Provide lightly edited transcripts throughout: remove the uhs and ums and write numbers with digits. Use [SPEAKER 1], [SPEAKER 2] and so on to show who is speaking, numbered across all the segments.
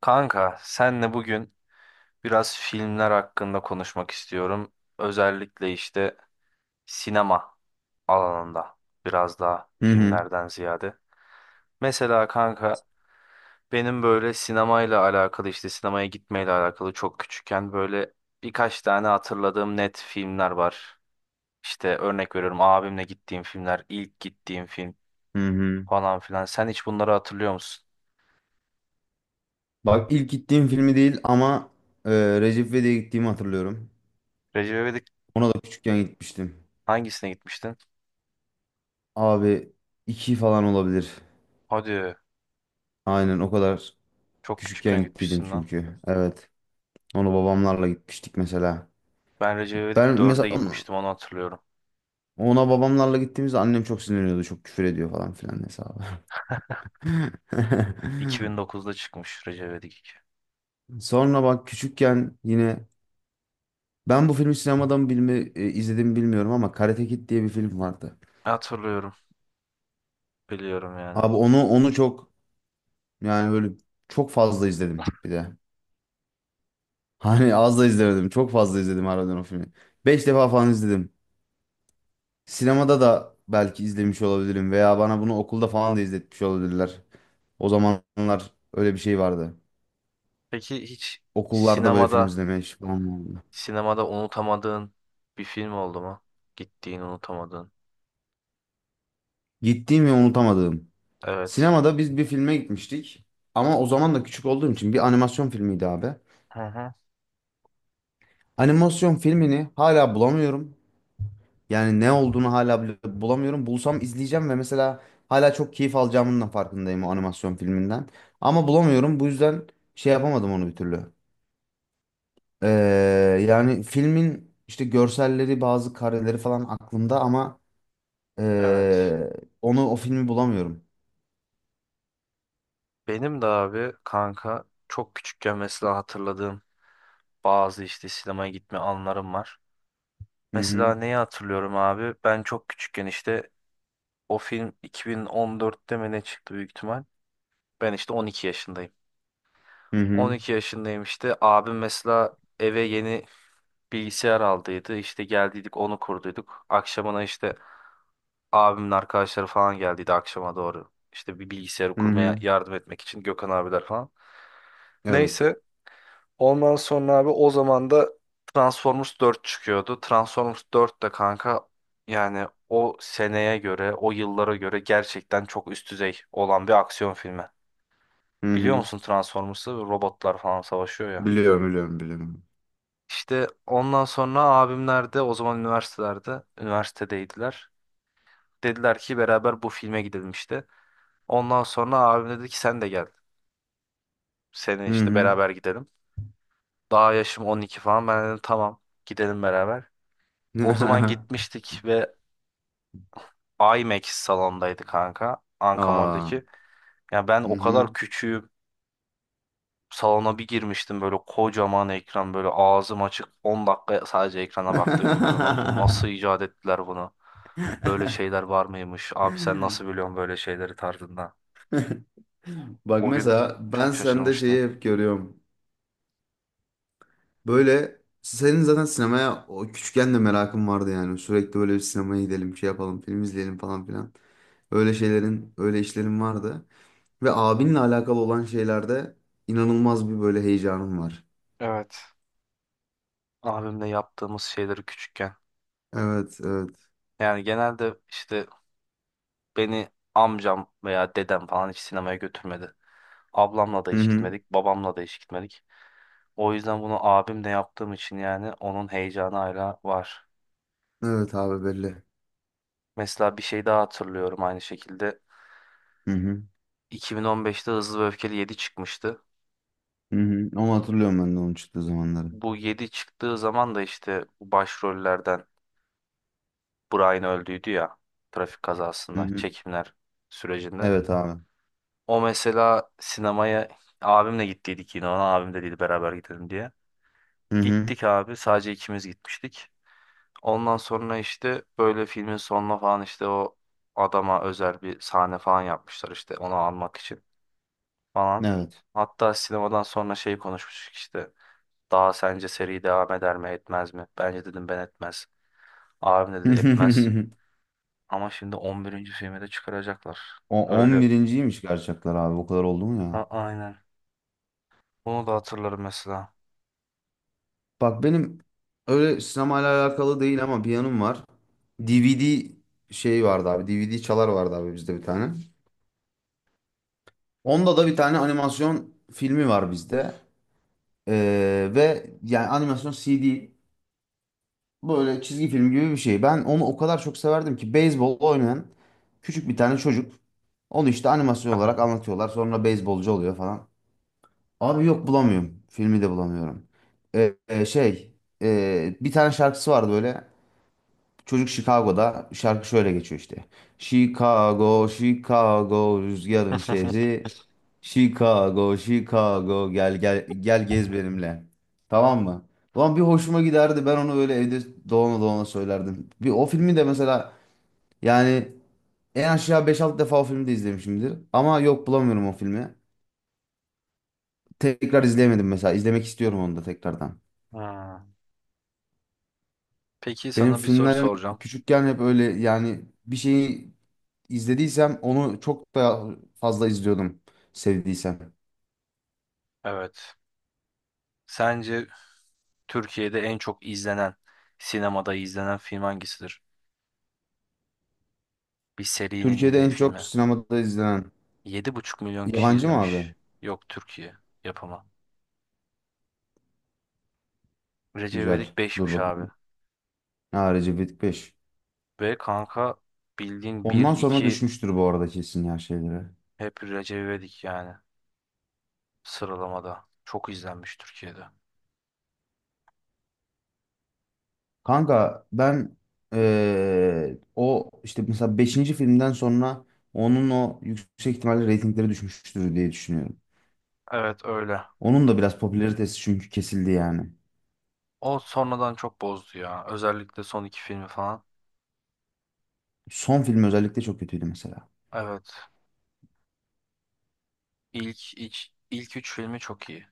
[SPEAKER 1] Kanka, senle bugün biraz filmler hakkında konuşmak istiyorum. Özellikle işte sinema alanında biraz daha
[SPEAKER 2] Hı hı.
[SPEAKER 1] filmlerden ziyade. Mesela kanka benim böyle sinemayla alakalı işte sinemaya gitmeyle alakalı çok küçükken böyle birkaç tane hatırladığım net filmler var. İşte örnek veriyorum abimle gittiğim filmler, ilk gittiğim film
[SPEAKER 2] Hı hı.
[SPEAKER 1] falan filan. Sen hiç bunları hatırlıyor musun?
[SPEAKER 2] Bak ilk gittiğim filmi değil ama e, Recep İvedik'e gittiğimi hatırlıyorum.
[SPEAKER 1] Recep İvedik
[SPEAKER 2] Ona da küçükken gitmiştim.
[SPEAKER 1] hangisine gitmiştin?
[SPEAKER 2] Abi iki falan olabilir.
[SPEAKER 1] Hadi
[SPEAKER 2] Aynen o kadar
[SPEAKER 1] çok
[SPEAKER 2] küçükken
[SPEAKER 1] küçükken
[SPEAKER 2] gittiydim
[SPEAKER 1] gitmişsin lan.
[SPEAKER 2] çünkü. Evet. Ona babamlarla gitmiştik mesela.
[SPEAKER 1] Ben Recep İvedik
[SPEAKER 2] Ben mesela
[SPEAKER 1] 4'e gitmiştim onu hatırlıyorum.
[SPEAKER 2] ona babamlarla gittiğimizde annem çok sinirleniyordu. Çok küfür ediyor falan filan hesabı.
[SPEAKER 1] 2009'da çıkmış Recep İvedik 2.
[SPEAKER 2] Sonra bak küçükken yine ben bu filmi sinemadan bilme, izlediğimi bilmiyorum ama Karate Kid diye bir film vardı.
[SPEAKER 1] Hatırlıyorum. Biliyorum yani.
[SPEAKER 2] Abi onu çok. Yani böyle çok fazla izledim bir de. Hani az da izlemedim. Çok fazla izledim harbiden o filmi. 5 defa falan izledim. Sinemada da belki izlemiş olabilirim veya bana bunu okulda falan da izletmiş olabilirler. O zamanlar öyle bir şey vardı.
[SPEAKER 1] Peki hiç
[SPEAKER 2] Okullarda böyle film
[SPEAKER 1] sinemada
[SPEAKER 2] izlemeye falan vardı.
[SPEAKER 1] sinemada unutamadığın bir film oldu mu? Gittiğin unutamadığın.
[SPEAKER 2] Gittiğim ve unutamadığım.
[SPEAKER 1] Evet.
[SPEAKER 2] Sinemada biz bir filme gitmiştik. Ama o zaman da küçük olduğum için bir animasyon filmiydi abi.
[SPEAKER 1] Hı hı.
[SPEAKER 2] Animasyon filmini hala bulamıyorum. Yani ne olduğunu hala bile bulamıyorum. Bulsam izleyeceğim ve mesela hala çok keyif alacağımın da farkındayım o animasyon filminden. Ama bulamıyorum. Bu yüzden şey yapamadım onu bir türlü. Ee, Yani filmin işte görselleri, bazı kareleri falan aklımda ama
[SPEAKER 1] Evet.
[SPEAKER 2] ee, o filmi bulamıyorum.
[SPEAKER 1] Benim de abi kanka çok küçükken mesela hatırladığım bazı işte sinemaya gitme anlarım var.
[SPEAKER 2] Hı hı.
[SPEAKER 1] Mesela neyi hatırlıyorum abi? Ben çok küçükken işte o film 2014'te mi ne çıktı büyük ihtimal. Ben işte 12 yaşındayım.
[SPEAKER 2] Hı hı.
[SPEAKER 1] 12 yaşındayım işte. Abim mesela eve yeni bilgisayar aldıydı. İşte geldiydik onu kurduyduk. Akşamına işte abimin arkadaşları falan geldiydi akşama doğru. İşte bir bilgisayarı
[SPEAKER 2] Hı
[SPEAKER 1] kurmaya
[SPEAKER 2] hı.
[SPEAKER 1] yardım etmek için Gökhan abiler falan.
[SPEAKER 2] Evet.
[SPEAKER 1] Neyse ondan sonra abi o zaman da Transformers 4 çıkıyordu. Transformers 4 de kanka yani o seneye göre, o yıllara göre gerçekten çok üst düzey olan bir aksiyon filmi.
[SPEAKER 2] Hı
[SPEAKER 1] Biliyor
[SPEAKER 2] hı.
[SPEAKER 1] musun Transformers'ı robotlar falan savaşıyor ya.
[SPEAKER 2] Biliyorum, biliyorum, biliyorum.
[SPEAKER 1] İşte ondan sonra abimler de o zaman üniversitelerde, üniversitedeydiler. Dediler ki beraber bu filme gidelim işte. Ondan sonra abim dedi ki sen de gel. Senin
[SPEAKER 2] Hı
[SPEAKER 1] işte
[SPEAKER 2] hı.
[SPEAKER 1] beraber gidelim. Daha yaşım 12 falan. Ben dedim tamam gidelim beraber. O zaman gitmiştik ve IMAX salondaydı kanka.
[SPEAKER 2] Aa.
[SPEAKER 1] Ankamol'daki. Ya ben
[SPEAKER 2] Hı
[SPEAKER 1] o
[SPEAKER 2] hı.
[SPEAKER 1] kadar küçüğüm. Salona bir girmiştim böyle kocaman ekran böyle ağzım açık 10 dakika sadece ekrana baktıydım böyle lan bu nasıl icat ettiler bunu? Böyle şeyler var mıymış? Abi sen nasıl biliyorsun böyle şeyleri tarzında?
[SPEAKER 2] Bak
[SPEAKER 1] O gün
[SPEAKER 2] mesela ben
[SPEAKER 1] çok
[SPEAKER 2] sende
[SPEAKER 1] şaşırmıştım.
[SPEAKER 2] şeyi hep görüyorum. Böyle senin zaten sinemaya o küçükken de merakın vardı yani. Sürekli böyle bir sinemaya gidelim, şey yapalım, film izleyelim falan filan. Öyle şeylerin, öyle işlerin vardı. Ve abinle alakalı olan şeylerde inanılmaz bir böyle heyecanım var.
[SPEAKER 1] Evet. Abimle yaptığımız şeyleri küçükken.
[SPEAKER 2] Evet, evet.
[SPEAKER 1] Yani genelde işte beni amcam veya dedem falan hiç sinemaya götürmedi. Ablamla da
[SPEAKER 2] Hı
[SPEAKER 1] hiç
[SPEAKER 2] hı.
[SPEAKER 1] gitmedik, babamla da hiç gitmedik. O yüzden bunu abimle yaptığım için yani onun heyecanı hala var.
[SPEAKER 2] Evet abi belli.
[SPEAKER 1] Mesela bir şey daha hatırlıyorum aynı şekilde.
[SPEAKER 2] Hı hı.
[SPEAKER 1] 2015'te Hızlı ve Öfkeli yedi çıkmıştı.
[SPEAKER 2] Hı hı. Ama hatırlıyorum ben de onun çıktığı zamanları.
[SPEAKER 1] Bu 7 çıktığı zaman da işte bu başrollerden Brian öldüydü ya trafik
[SPEAKER 2] Hı
[SPEAKER 1] kazasında
[SPEAKER 2] hı.
[SPEAKER 1] çekimler sürecinde.
[SPEAKER 2] Evet abi.
[SPEAKER 1] O mesela sinemaya abimle gittiydik yine ona abim de dedi beraber gidelim diye.
[SPEAKER 2] Hı hı.
[SPEAKER 1] Gittik abi sadece ikimiz gitmiştik. Ondan sonra işte böyle filmin sonuna falan işte o adama özel bir sahne falan yapmışlar işte onu almak için falan.
[SPEAKER 2] Evet.
[SPEAKER 1] Hatta sinemadan sonra şey konuşmuştuk işte. Daha sence seri devam eder mi etmez mi? Bence dedim ben etmez. Abim dedi etmez. Ama şimdi on birinci filmi de çıkaracaklar.
[SPEAKER 2] O on
[SPEAKER 1] Öyle.
[SPEAKER 2] birinciymiş gerçekler abi. O kadar oldu mu ya?
[SPEAKER 1] Ha, aynen. Bunu da hatırlarım mesela.
[SPEAKER 2] Bak benim öyle sinemayla alakalı değil ama bir yanım var. DVD şey vardı abi. DVD çalar vardı abi bizde bir tane. Onda da bir tane animasyon filmi var bizde. Ve yani animasyon CD böyle çizgi film gibi bir şey. Ben onu o kadar çok severdim ki beyzbol oynayan küçük bir tane çocuk. Onu işte animasyon olarak anlatıyorlar. Sonra beyzbolcu oluyor falan. Abi yok bulamıyorum. Filmi de bulamıyorum. Şey, bir tane şarkısı vardı böyle. Çocuk Chicago'da şarkı şöyle geçiyor işte. Chicago, Chicago rüzgarın şehri. Chicago, Chicago gel gel gel gez benimle. Tamam mı? Ulan bir hoşuma giderdi. Ben onu öyle evde dolana dolana söylerdim. Bir o filmi de mesela yani en aşağı 5-6 defa o filmi de izlemişimdir. Ama yok bulamıyorum o filmi. Tekrar izleyemedim mesela. İzlemek istiyorum onu da tekrardan.
[SPEAKER 1] Ha. Peki
[SPEAKER 2] Benim
[SPEAKER 1] sana bir soru
[SPEAKER 2] filmlerim
[SPEAKER 1] soracağım.
[SPEAKER 2] küçükken hep öyle yani bir şeyi izlediysem onu çok da fazla izliyordum sevdiysem.
[SPEAKER 1] Evet. Sence Türkiye'de en çok izlenen, sinemada izlenen film hangisidir? Bir serinin
[SPEAKER 2] Türkiye'de
[SPEAKER 1] yine bir
[SPEAKER 2] en çok
[SPEAKER 1] filmi.
[SPEAKER 2] sinemada izlenen
[SPEAKER 1] 7,5 milyon kişi
[SPEAKER 2] yabancı mı
[SPEAKER 1] izlemiş.
[SPEAKER 2] abi?
[SPEAKER 1] Yok Türkiye yapımı. Recep
[SPEAKER 2] Güzel.
[SPEAKER 1] İvedik
[SPEAKER 2] Dur
[SPEAKER 1] 5'miş abi.
[SPEAKER 2] bakayım. Ha, Recep İvedik 5.
[SPEAKER 1] Ve kanka bildiğin bir
[SPEAKER 2] Ondan sonra
[SPEAKER 1] 2
[SPEAKER 2] düşmüştür bu arada kesin ya şeylere.
[SPEAKER 1] hep Recep İvedik yani sıralamada. Çok izlenmiş Türkiye'de.
[SPEAKER 2] Kanka ben o işte mesela beşinci filmden sonra onun o yüksek ihtimalle reytingleri düşmüştür diye düşünüyorum.
[SPEAKER 1] Evet öyle.
[SPEAKER 2] Onun da biraz popülaritesi çünkü kesildi yani.
[SPEAKER 1] O sonradan çok bozdu ya. Özellikle son iki filmi falan.
[SPEAKER 2] Son film özellikle çok kötüydü mesela.
[SPEAKER 1] Evet. İlk, ilk, ilk üç filmi çok iyi.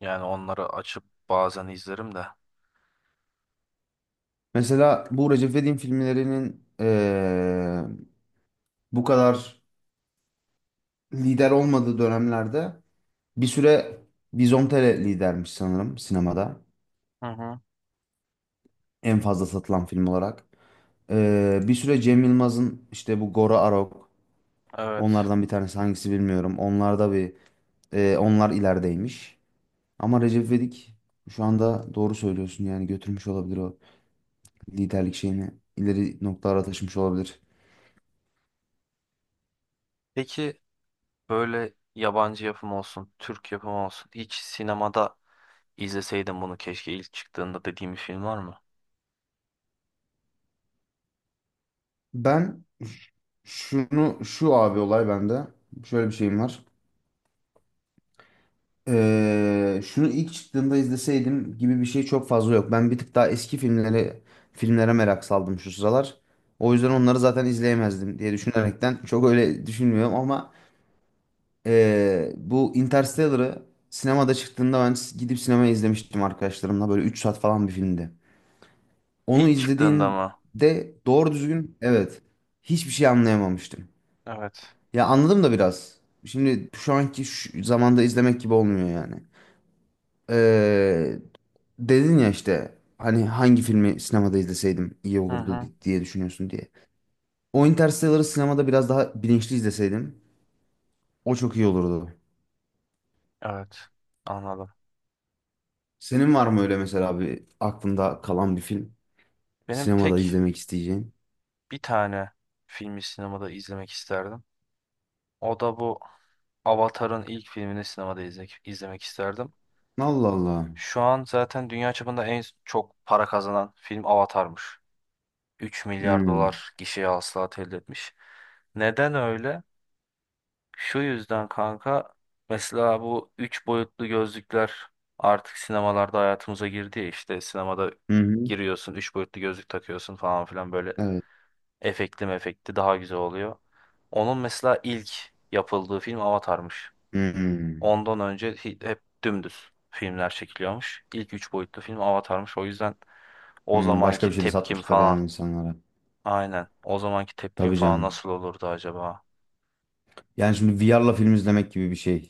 [SPEAKER 1] Yani onları açıp bazen izlerim de.
[SPEAKER 2] Mesela bu Recep İvedik'in filmlerinin bu kadar lider olmadığı dönemlerde bir süre Vizontele lidermiş sanırım sinemada.
[SPEAKER 1] Hı hı.
[SPEAKER 2] En fazla satılan film olarak. Bir süre Cem Yılmaz'ın işte bu Gora Arok
[SPEAKER 1] Evet.
[SPEAKER 2] onlardan bir tanesi hangisi bilmiyorum. Onlar da bir onlar ilerideymiş. Ama Recep İvedik şu anda doğru söylüyorsun yani götürmüş olabilir o liderlik şeyini ileri noktalara taşımış olabilir.
[SPEAKER 1] Peki böyle yabancı yapım olsun, Türk yapımı olsun. Hiç sinemada izleseydim bunu keşke ilk çıktığında dediğim bir film var mı?
[SPEAKER 2] Ben şunu şu abi, olay bende. Şöyle bir şeyim var. Şunu ilk çıktığında izleseydim gibi bir şey çok fazla yok. Ben bir tık daha eski filmlere merak saldım şu sıralar. O
[SPEAKER 1] Hı
[SPEAKER 2] yüzden
[SPEAKER 1] hı.
[SPEAKER 2] onları zaten izleyemezdim diye düşünerekten çok öyle düşünmüyorum ama bu Interstellar'ı sinemada çıktığında ben gidip sinemaya izlemiştim arkadaşlarımla. Böyle 3 saat falan bir filmdi. Onu
[SPEAKER 1] İlk çıktığında mı?
[SPEAKER 2] izlediğimde doğru düzgün evet hiçbir şey anlayamamıştım.
[SPEAKER 1] Evet.
[SPEAKER 2] Ya anladım da biraz. Şimdi şu anki şu zamanda izlemek gibi olmuyor yani. Ee, Dedin ya işte hani hangi filmi sinemada izleseydim iyi
[SPEAKER 1] Hı
[SPEAKER 2] olurdu
[SPEAKER 1] hı.
[SPEAKER 2] diye düşünüyorsun diye. O Interstellar'ı sinemada biraz daha bilinçli izleseydim o çok iyi olurdu.
[SPEAKER 1] Evet. Anladım.
[SPEAKER 2] Senin var mı öyle mesela bir aklında kalan bir film
[SPEAKER 1] Benim
[SPEAKER 2] sinemada
[SPEAKER 1] tek
[SPEAKER 2] izlemek isteyeceğin?
[SPEAKER 1] bir tane filmi sinemada izlemek isterdim. O da bu Avatar'ın ilk filmini sinemada izlemek isterdim.
[SPEAKER 2] Allah Allah.
[SPEAKER 1] Şu an zaten dünya çapında en çok para kazanan film Avatar'mış. 3 milyar
[SPEAKER 2] Hmm.
[SPEAKER 1] dolar gişe hasılat elde etmiş. Neden öyle? Şu yüzden kanka mesela bu 3 boyutlu gözlükler artık sinemalarda hayatımıza girdi ya işte sinemada
[SPEAKER 2] Hı hı.
[SPEAKER 1] giriyorsun 3 boyutlu gözlük takıyorsun falan filan böyle
[SPEAKER 2] Evet.
[SPEAKER 1] efektli mefekti daha güzel oluyor. Onun mesela ilk yapıldığı film Avatar'mış.
[SPEAKER 2] Hı hı.
[SPEAKER 1] Ondan önce hep dümdüz filmler çekiliyormuş. İlk üç boyutlu film Avatar'mış. O yüzden o
[SPEAKER 2] Hı. Başka bir
[SPEAKER 1] zamanki
[SPEAKER 2] şey de
[SPEAKER 1] tepkim
[SPEAKER 2] satmışlar yani
[SPEAKER 1] falan.
[SPEAKER 2] insanlara.
[SPEAKER 1] Aynen. O zamanki tepkim
[SPEAKER 2] Tabii
[SPEAKER 1] falan
[SPEAKER 2] canım.
[SPEAKER 1] nasıl olurdu acaba?
[SPEAKER 2] Yani şimdi VR'la film izlemek gibi bir şey.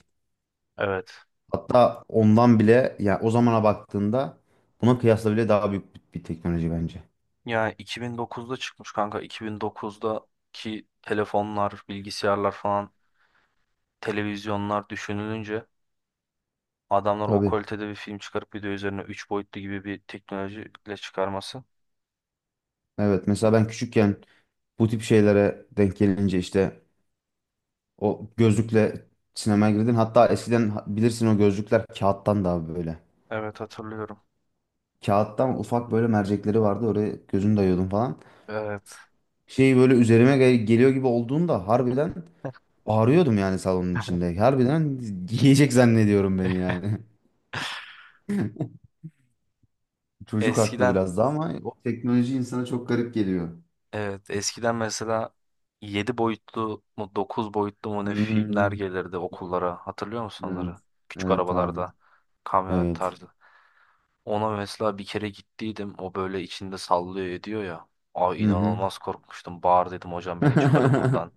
[SPEAKER 1] Evet.
[SPEAKER 2] Hatta ondan bile ya o zamana baktığında buna kıyasla bile daha büyük bir teknoloji bence.
[SPEAKER 1] Yani 2009'da çıkmış kanka. 2009'daki telefonlar, bilgisayarlar falan, televizyonlar düşünülünce adamlar o
[SPEAKER 2] Tabii.
[SPEAKER 1] kalitede bir film çıkarıp bir de üzerine 3 boyutlu gibi bir teknolojiyle çıkarması.
[SPEAKER 2] Evet. Mesela ben küçükken bu tip şeylere denk gelince işte o gözlükle sinemaya girdim. Hatta eskiden bilirsin o gözlükler kağıttan daha böyle.
[SPEAKER 1] Evet hatırlıyorum.
[SPEAKER 2] Kağıttan ufak böyle mercekleri vardı. Oraya gözünü dayıyordum falan.
[SPEAKER 1] Evet.
[SPEAKER 2] Şey böyle üzerime geliyor gibi olduğunda harbiden bağırıyordum yani salonun içinde. Harbiden yiyecek zannediyorum beni yani. Çocuk haklı
[SPEAKER 1] Eskiden
[SPEAKER 2] biraz da ama o teknoloji insana çok garip geliyor.
[SPEAKER 1] evet eskiden mesela yedi boyutlu mu 9 boyutlu mu ne filmler
[SPEAKER 2] Hmm.
[SPEAKER 1] gelirdi okullara. Hatırlıyor musun
[SPEAKER 2] Evet.
[SPEAKER 1] onları? Küçük
[SPEAKER 2] Evet abi.
[SPEAKER 1] arabalarda kamyonet
[SPEAKER 2] Evet.
[SPEAKER 1] tarzı. Ona mesela bir kere gittiydim. O böyle içinde sallıyor ediyor ya.
[SPEAKER 2] Hı
[SPEAKER 1] Ay
[SPEAKER 2] hı.
[SPEAKER 1] inanılmaz korkmuştum. Bağır dedim hocam beni çıkarın buradan.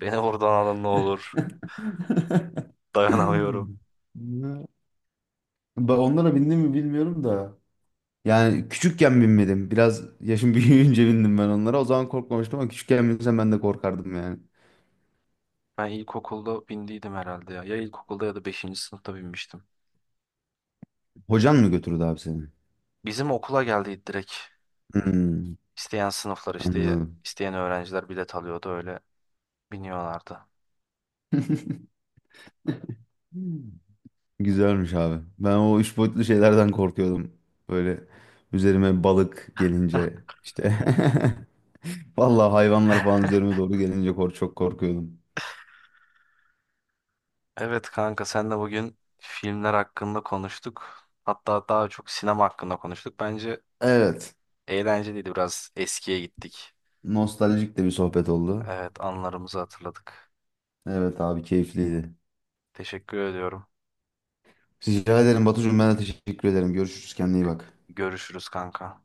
[SPEAKER 1] Beni buradan alın ne olur. Dayanamıyorum.
[SPEAKER 2] Ben onlara bindim mi bilmiyorum da. Yani küçükken binmedim. Biraz yaşım büyüyünce bindim ben onlara. O zaman korkmamıştım ama küçükken binsem ben de korkardım yani.
[SPEAKER 1] Ben ilkokulda bindiydim herhalde ya. Ya ilkokulda ya da beşinci sınıfta binmiştim.
[SPEAKER 2] Hocan mı götürdü abi seni?
[SPEAKER 1] Bizim okula geldi direkt.
[SPEAKER 2] Hmm,
[SPEAKER 1] İsteyen sınıflar işte
[SPEAKER 2] anladım.
[SPEAKER 1] isteyen öğrenciler bilet alıyordu öyle biniyorlardı.
[SPEAKER 2] Güzelmiş abi. Ben o 3 boyutlu şeylerden korkuyordum. Böyle üzerime balık gelince işte. Vallahi hayvanlar falan üzerime doğru gelince çok korkuyordum.
[SPEAKER 1] Evet kanka senle bugün filmler hakkında konuştuk. Hatta daha çok sinema hakkında konuştuk. Bence
[SPEAKER 2] Evet.
[SPEAKER 1] eğlenceliydi biraz eskiye gittik.
[SPEAKER 2] Nostaljik de bir sohbet oldu.
[SPEAKER 1] Evet anılarımızı hatırladık.
[SPEAKER 2] Evet abi keyifliydi.
[SPEAKER 1] Teşekkür ediyorum.
[SPEAKER 2] Rica ederim Batucuğum ben de teşekkür ederim. Görüşürüz kendine iyi
[SPEAKER 1] Gö-
[SPEAKER 2] bak.
[SPEAKER 1] Görüşürüz kanka.